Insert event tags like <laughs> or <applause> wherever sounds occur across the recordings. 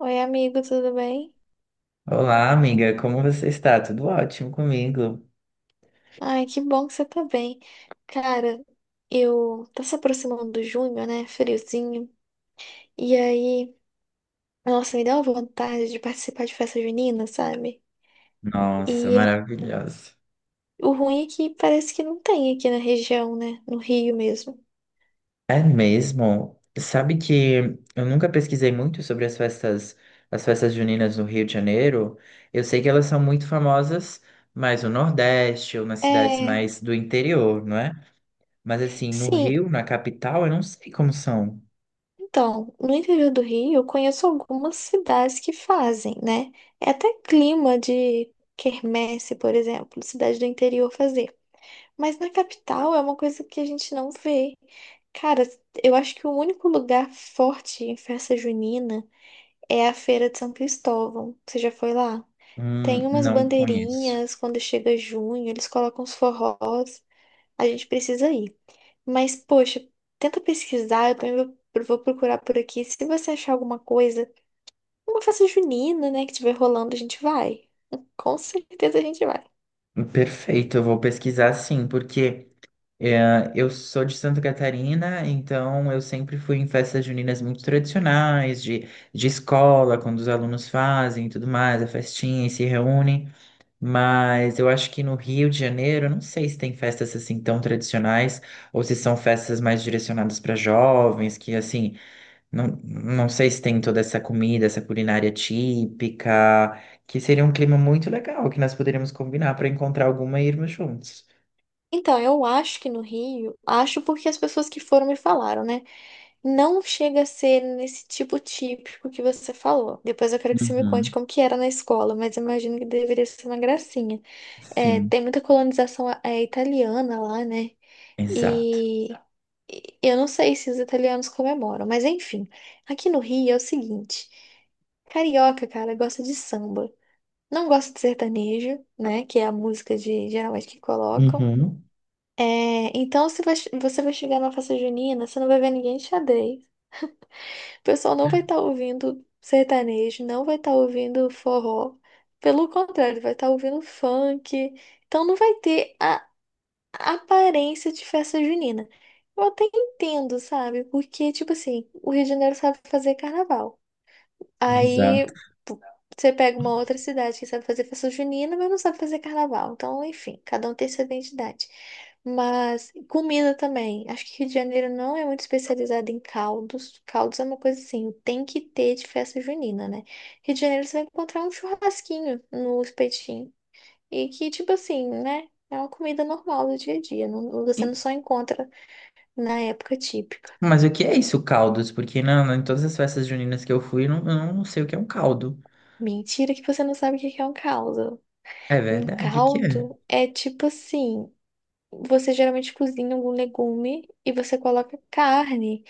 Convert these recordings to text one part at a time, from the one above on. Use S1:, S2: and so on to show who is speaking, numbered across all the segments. S1: Oi, amigo, tudo bem?
S2: Olá, amiga, como você está? Tudo ótimo comigo?
S1: Ai, que bom que você tá bem. Cara, eu tá se aproximando do junho, né? Friozinho. E aí, nossa, me deu uma vontade de participar de festa junina, sabe?
S2: Nossa,
S1: E
S2: maravilhosa.
S1: o ruim é que parece que não tem aqui na região, né? No Rio mesmo.
S2: É mesmo? Sabe que eu nunca pesquisei muito sobre as festas juninas no Rio de Janeiro. Eu sei que elas são muito famosas mais no Nordeste ou nas cidades
S1: É,
S2: mais do interior, não é? Mas assim, no
S1: sim.
S2: Rio, na capital, eu não sei como são.
S1: Então, no interior do Rio, eu conheço algumas cidades que fazem, né? É até clima de quermesse, por exemplo, cidade do interior fazer. Mas na capital é uma coisa que a gente não vê. Cara, eu acho que o único lugar forte em festa junina é a Feira de São Cristóvão. Você já foi lá? Tem umas
S2: Não conheço.
S1: bandeirinhas quando chega junho, eles colocam os forrós. A gente precisa ir. Mas, poxa, tenta pesquisar, eu também vou procurar por aqui. Se você achar alguma coisa, uma festa junina, né, que tiver rolando, a gente vai. <laughs> Com certeza a gente vai.
S2: Perfeito, eu vou pesquisar sim, porque é, eu sou de Santa Catarina, então eu sempre fui em festas juninas muito tradicionais, de escola, quando os alunos fazem e tudo mais, a festinha e se reúnem. Mas eu acho que no Rio de Janeiro, eu não sei se tem festas assim tão tradicionais, ou se são festas mais direcionadas para jovens, que assim, não sei se tem toda essa comida, essa culinária típica, que seria um clima muito legal, que nós poderíamos combinar para encontrar alguma e irmos juntos.
S1: Então, eu acho que no Rio, acho porque as pessoas que foram me falaram, né? Não chega a ser nesse tipo típico que você falou. Depois eu quero que você me conte
S2: Uhum.
S1: como que era na escola, mas eu imagino que deveria ser uma gracinha. É,
S2: Sim.
S1: tem muita colonização italiana lá, né?
S2: Exato.
S1: E e eu não sei se os italianos comemoram, mas enfim. Aqui no Rio é o seguinte: carioca, cara, gosta de samba. Não gosta de sertanejo, né? Que é a música de geralmente que colocam.
S2: Uhum.
S1: É, então, se você vai chegar na festa junina, você não vai ver ninguém de xadrez. O pessoal não vai estar ouvindo sertanejo, não vai estar ouvindo forró. Pelo contrário, vai estar ouvindo funk. Então, não vai ter a aparência de festa junina. Eu até entendo, sabe? Porque, tipo assim, o Rio de Janeiro sabe fazer carnaval.
S2: Exato.
S1: Aí p- você pega uma outra cidade que sabe fazer festa junina, mas não sabe fazer carnaval. Então, enfim, cada um tem sua identidade. Mas comida também. Acho que Rio de Janeiro não é muito especializado em caldos. Caldos é uma coisa assim, tem que ter de festa junina, né? Rio de Janeiro você vai encontrar um churrasquinho no espetinho. E que, tipo assim, né? É uma comida normal do dia a dia. Não, você
S2: E-
S1: não só encontra na época típica.
S2: Mas o que é isso, caldos? Porque não, não, em todas as festas juninas que eu fui, eu não sei o que é um caldo.
S1: Mentira que você não sabe o que que é um caldo.
S2: É
S1: Um
S2: verdade, o que é?
S1: caldo é tipo assim, você geralmente cozinha algum legume e você coloca carne.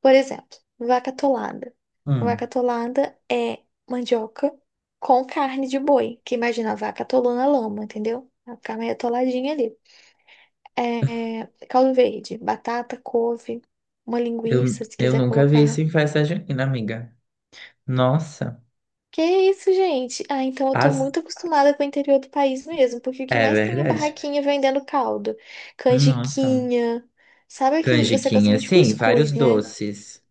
S1: Por exemplo, vaca atolada. Vaca
S2: Hum,
S1: atolada é mandioca com carne de boi, que imagina a vaca atolou na lama, entendeu? Ela fica meio atoladinha ali. É, caldo verde, batata, couve, uma
S2: eu,
S1: linguiça, se
S2: eu
S1: quiser
S2: nunca vi
S1: colocar.
S2: isso em festa junina, amiga. Nossa.
S1: Que isso, gente? Ah, então eu tô
S2: As...
S1: muito acostumada com o interior do país mesmo, porque o que
S2: É
S1: mais tem é
S2: verdade.
S1: barraquinha vendendo caldo,
S2: Nossa.
S1: canjiquinha. Sabe aquele. Você gosta
S2: Canjiquinha,
S1: muito de
S2: sim, vários
S1: cuscuz, né?
S2: doces.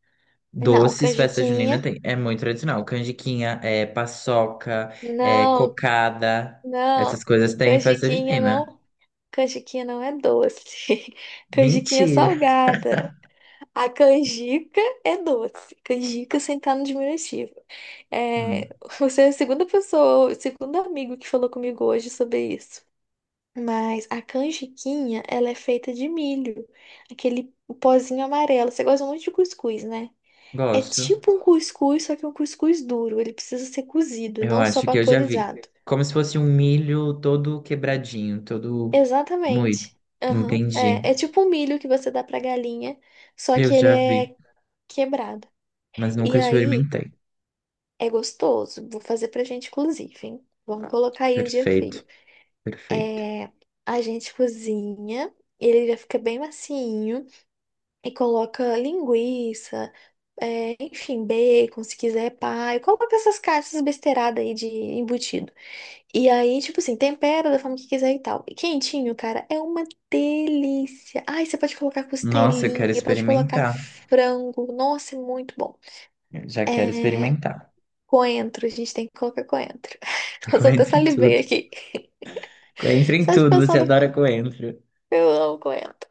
S1: Não,
S2: Doces, festa junina
S1: canjiquinha.
S2: tem. É muito tradicional. Canjiquinha, é paçoca, é
S1: Não,
S2: cocada. Essas
S1: não.
S2: coisas tem em festa
S1: Canjiquinha
S2: junina.
S1: não. Canjiquinha não é doce. <laughs> Canjiquinha é
S2: Mentira.
S1: salgada. A canjica é doce. Canjica sem estar no diminutivo.
S2: Hum,
S1: É, você é a segunda pessoa, o segundo amigo que falou comigo hoje sobre isso. Mas a canjiquinha, ela é feita de milho, aquele pozinho amarelo. Você gosta muito de cuscuz, né? É
S2: gosto.
S1: tipo um cuscuz, só que um cuscuz duro. Ele precisa ser cozido,
S2: Eu
S1: não só
S2: acho que eu já vi.
S1: vaporizado.
S2: Como se fosse um milho todo quebradinho, todo moído.
S1: Exatamente. Aham.
S2: Entendi.
S1: É, é tipo um milho que você dá pra galinha, só
S2: Eu
S1: que ele
S2: já vi,
S1: é quebrado.
S2: mas nunca
S1: E aí
S2: experimentei.
S1: é gostoso. Vou fazer pra gente, inclusive, hein? Vamos Tá, colocar aí um dia frio.
S2: Perfeito, perfeito.
S1: É, a gente cozinha, ele já fica bem macinho. E coloca linguiça, é, enfim, bacon, se quiser, pai. Coloca essas caixas besteiradas aí de embutido. E aí, tipo assim, tempera da forma que quiser e tal. E quentinho, cara, é uma delícia. Ai, você pode colocar
S2: Nossa, eu quero
S1: costelinha, pode colocar
S2: experimentar.
S1: frango. Nossa, é muito bom.
S2: Eu já quero
S1: É,
S2: experimentar.
S1: coentro, a gente tem que colocar coentro. <laughs>
S2: <laughs>
S1: Nossa, eu até
S2: Coentro em tudo.
S1: salivei aqui. <laughs>
S2: Coentro em
S1: Só de
S2: tudo,
S1: pensar
S2: você
S1: no
S2: adora
S1: que
S2: coentro.
S1: eu amo coentro.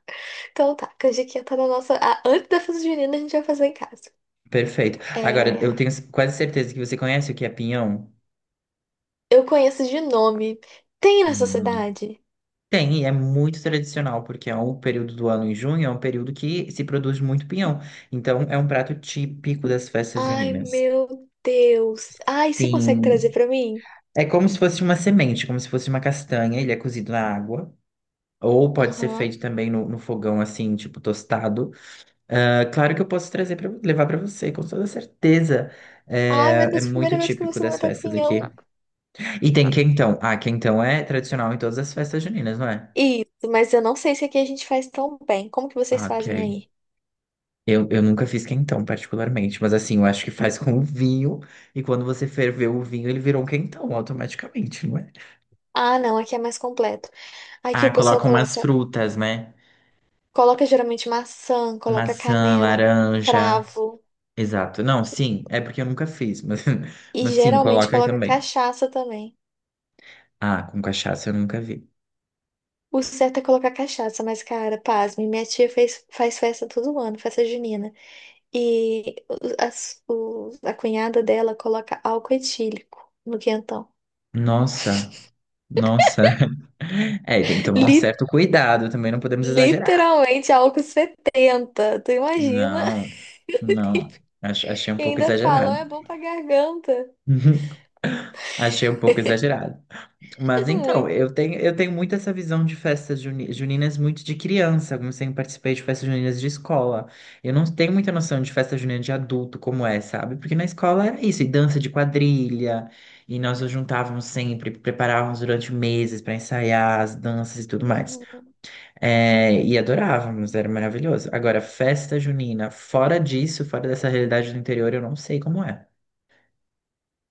S1: Então tá, canjiquinha tá na nossa. Ah, antes da festa junina, a gente vai fazer em casa.
S2: Perfeito. Agora, eu
S1: é
S2: tenho quase certeza que você conhece o que é pinhão.
S1: Eu conheço de nome. Tem na sua
S2: Hum,
S1: cidade?
S2: Tem, e é muito tradicional, porque é um período do ano em junho, é um período que se produz muito pinhão. Então, é um prato típico das festas
S1: Ai,
S2: juninas.
S1: meu Deus. Ai, você consegue
S2: Sim.
S1: trazer pra mim?
S2: É como se fosse uma semente, como se fosse uma castanha, ele é cozido na água. Ou pode ser
S1: Aham.
S2: feito também no fogão, assim, tipo tostado. Ah, claro que eu posso trazer para levar para você, com toda certeza.
S1: Ai,
S2: É,
S1: meu
S2: é
S1: Deus, primeira
S2: muito
S1: vez que
S2: típico
S1: você
S2: das
S1: mata
S2: festas
S1: pinhão.
S2: aqui. E tem quentão. Ah, quentão é tradicional em todas as festas juninas, não é?
S1: Isso, mas eu não sei se aqui a gente faz tão bem. Como que vocês
S2: Ah, ok.
S1: fazem aí?
S2: Eu nunca fiz quentão, particularmente, mas assim, eu acho que faz com o vinho, e quando você ferveu o vinho, ele virou um quentão automaticamente, não é?
S1: Ah, não, aqui é mais completo. Aqui
S2: Ah,
S1: o pessoal
S2: coloca umas
S1: coloca,
S2: frutas, né?
S1: coloca geralmente maçã, coloca
S2: Maçã,
S1: canela,
S2: laranja.
S1: cravo
S2: Exato. Não, sim, é porque eu nunca fiz, mas, <laughs>
S1: e
S2: mas sim,
S1: geralmente
S2: coloca aí
S1: coloca
S2: também.
S1: cachaça também.
S2: Ah, com cachaça eu nunca vi.
S1: O certo é colocar cachaça, mas cara, pasme, minha tia fez, faz festa todo ano, festa junina. E a cunhada dela coloca álcool etílico no quentão.
S2: Nossa, nossa. <laughs> É, tem que tomar um
S1: Li-
S2: certo cuidado, também não podemos exagerar.
S1: literalmente álcool 70. Tu imagina?
S2: Não,
S1: <laughs>
S2: não. Achei um
S1: E
S2: pouco
S1: ainda falam,
S2: exagerado.
S1: é bom pra garganta.
S2: <laughs> Achei um pouco exagerado. Mas então,
S1: Muito.
S2: eu tenho muito essa visão de festas juninas muito de criança, como sempre participei de festas juninas de escola. Eu não tenho muita noção de festa junina de adulto como é, sabe? Porque na escola era isso, e dança de quadrilha, e nós nos juntávamos sempre, preparávamos durante meses para ensaiar as danças e tudo mais.
S1: Uhum.
S2: É, e adorávamos, era maravilhoso. Agora, festa junina, fora disso, fora dessa realidade do interior, eu não sei como é.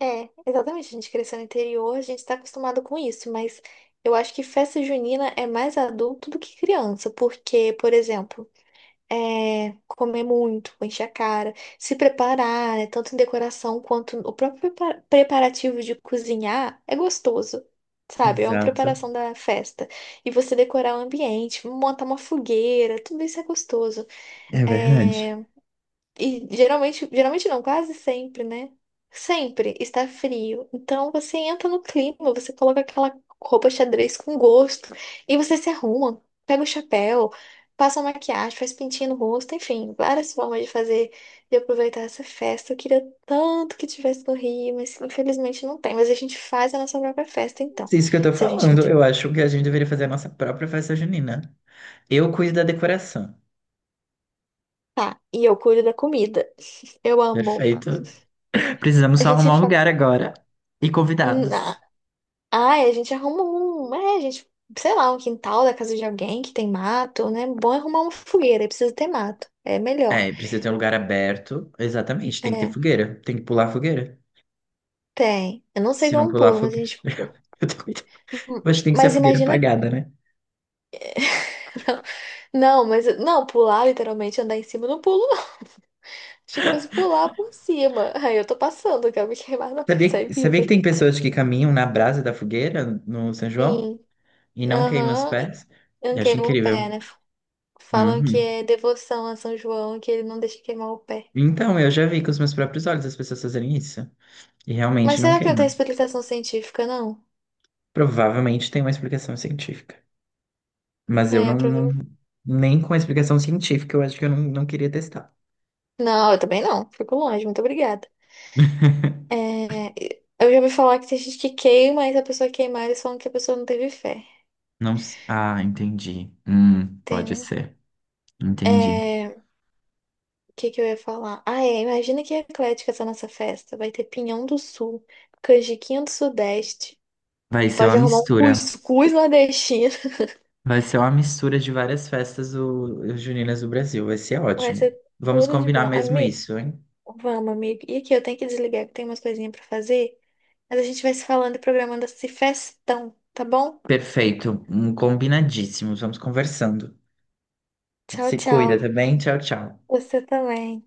S1: É, exatamente. A gente cresceu no interior, a gente tá acostumado com isso, mas eu acho que festa junina é mais adulto do que criança, porque, por exemplo. É, comer muito, encher a cara, se preparar, né, tanto em decoração quanto o próprio preparativo de cozinhar é gostoso, sabe? É uma
S2: Exato,
S1: preparação da festa. E você decorar o ambiente, montar uma fogueira, tudo isso é gostoso.
S2: é verdade.
S1: É, e geralmente, geralmente não, quase sempre, né? Sempre está frio. Então você entra no clima, você coloca aquela roupa xadrez com gosto e você se arruma, pega o chapéu, passa uma maquiagem, faz pintinho no rosto, enfim, várias formas de fazer, de aproveitar essa festa. Eu queria tanto que tivesse no Rio, mas infelizmente não tem. Mas a gente faz a nossa própria festa, então.
S2: É isso que eu tô
S1: Se a gente não.
S2: falando, eu acho que a gente deveria fazer a nossa própria festa junina. Eu cuido da decoração.
S1: Tá, e eu cuido da comida. Eu amo.
S2: Perfeito. Precisamos
S1: A
S2: só
S1: gente
S2: arrumar um
S1: faz.
S2: lugar agora e convidados.
S1: Ah, a gente arruma um, é, a gente, sei lá, um quintal da casa de alguém que tem mato, né? Bom é arrumar uma fogueira, aí precisa ter mato. É melhor.
S2: É, precisa ter um lugar aberto. Exatamente, tem que ter
S1: É,
S2: fogueira. Tem que pular a fogueira.
S1: tem. Eu não sei
S2: Se não
S1: como
S2: pular a
S1: pulo, mas a
S2: fogueira.
S1: gente.
S2: <laughs> Eu tô cuidando.
S1: hum,
S2: Mas tem que ser a
S1: Mas
S2: fogueira
S1: imagina.
S2: apagada, né?
S1: <laughs> Não, mas não, pular literalmente, andar em cima, eu não pulo, não. <laughs> Achei que fosse pular por cima. Aí eu tô passando, eu quero me queimar, não quero
S2: Sabia,
S1: sair
S2: sabia
S1: viva.
S2: que tem pessoas que caminham na brasa da fogueira no São João
S1: Sim,
S2: e não queimam os
S1: aham,
S2: pés?
S1: eu não
S2: Eu acho
S1: queimo o
S2: incrível.
S1: pé, né? Falam que
S2: Uhum.
S1: é devoção a São João, que ele não deixa queimar o pé.
S2: Então, eu já vi com os meus próprios olhos as pessoas fazerem isso. E realmente
S1: Mas
S2: não
S1: será que não
S2: queimam.
S1: tem explicação científica, não?
S2: Provavelmente tem uma explicação científica. Mas eu
S1: É,
S2: não, não-
S1: provavelmente.
S2: nem com a explicação científica, eu acho que eu não, não queria testar.
S1: Não, eu também não. Fico longe, muito obrigada. É, eu já ouvi falar que tem gente que queima, e se a pessoa queimar, eles falam que a pessoa não teve fé,
S2: Não. Ah, entendi. Pode
S1: entendeu?
S2: ser. Entendi.
S1: É, o que que eu ia falar? Ah, é, imagina que eclética essa nossa festa. Vai ter pinhão do sul, canjiquinha do sudeste,
S2: Vai
S1: e
S2: ser uma
S1: pode arrumar um
S2: mistura.
S1: cuscuz nordestino.
S2: Vai ser uma mistura de várias festas juninas do Brasil. Vai ser
S1: <laughs> Vai
S2: ótimo.
S1: ser
S2: Vamos
S1: tudo de
S2: combinar
S1: bom.
S2: mesmo isso, hein?
S1: Vamos, amigo. E aqui, eu tenho que desligar, que tem umas coisinhas pra fazer. Mas a gente vai se falando e programando esse festão, tá bom?
S2: Perfeito. Combinadíssimos. Vamos conversando.
S1: Tchau,
S2: Se cuida, tá
S1: tchau.
S2: bem? Tchau, tchau.
S1: Você também.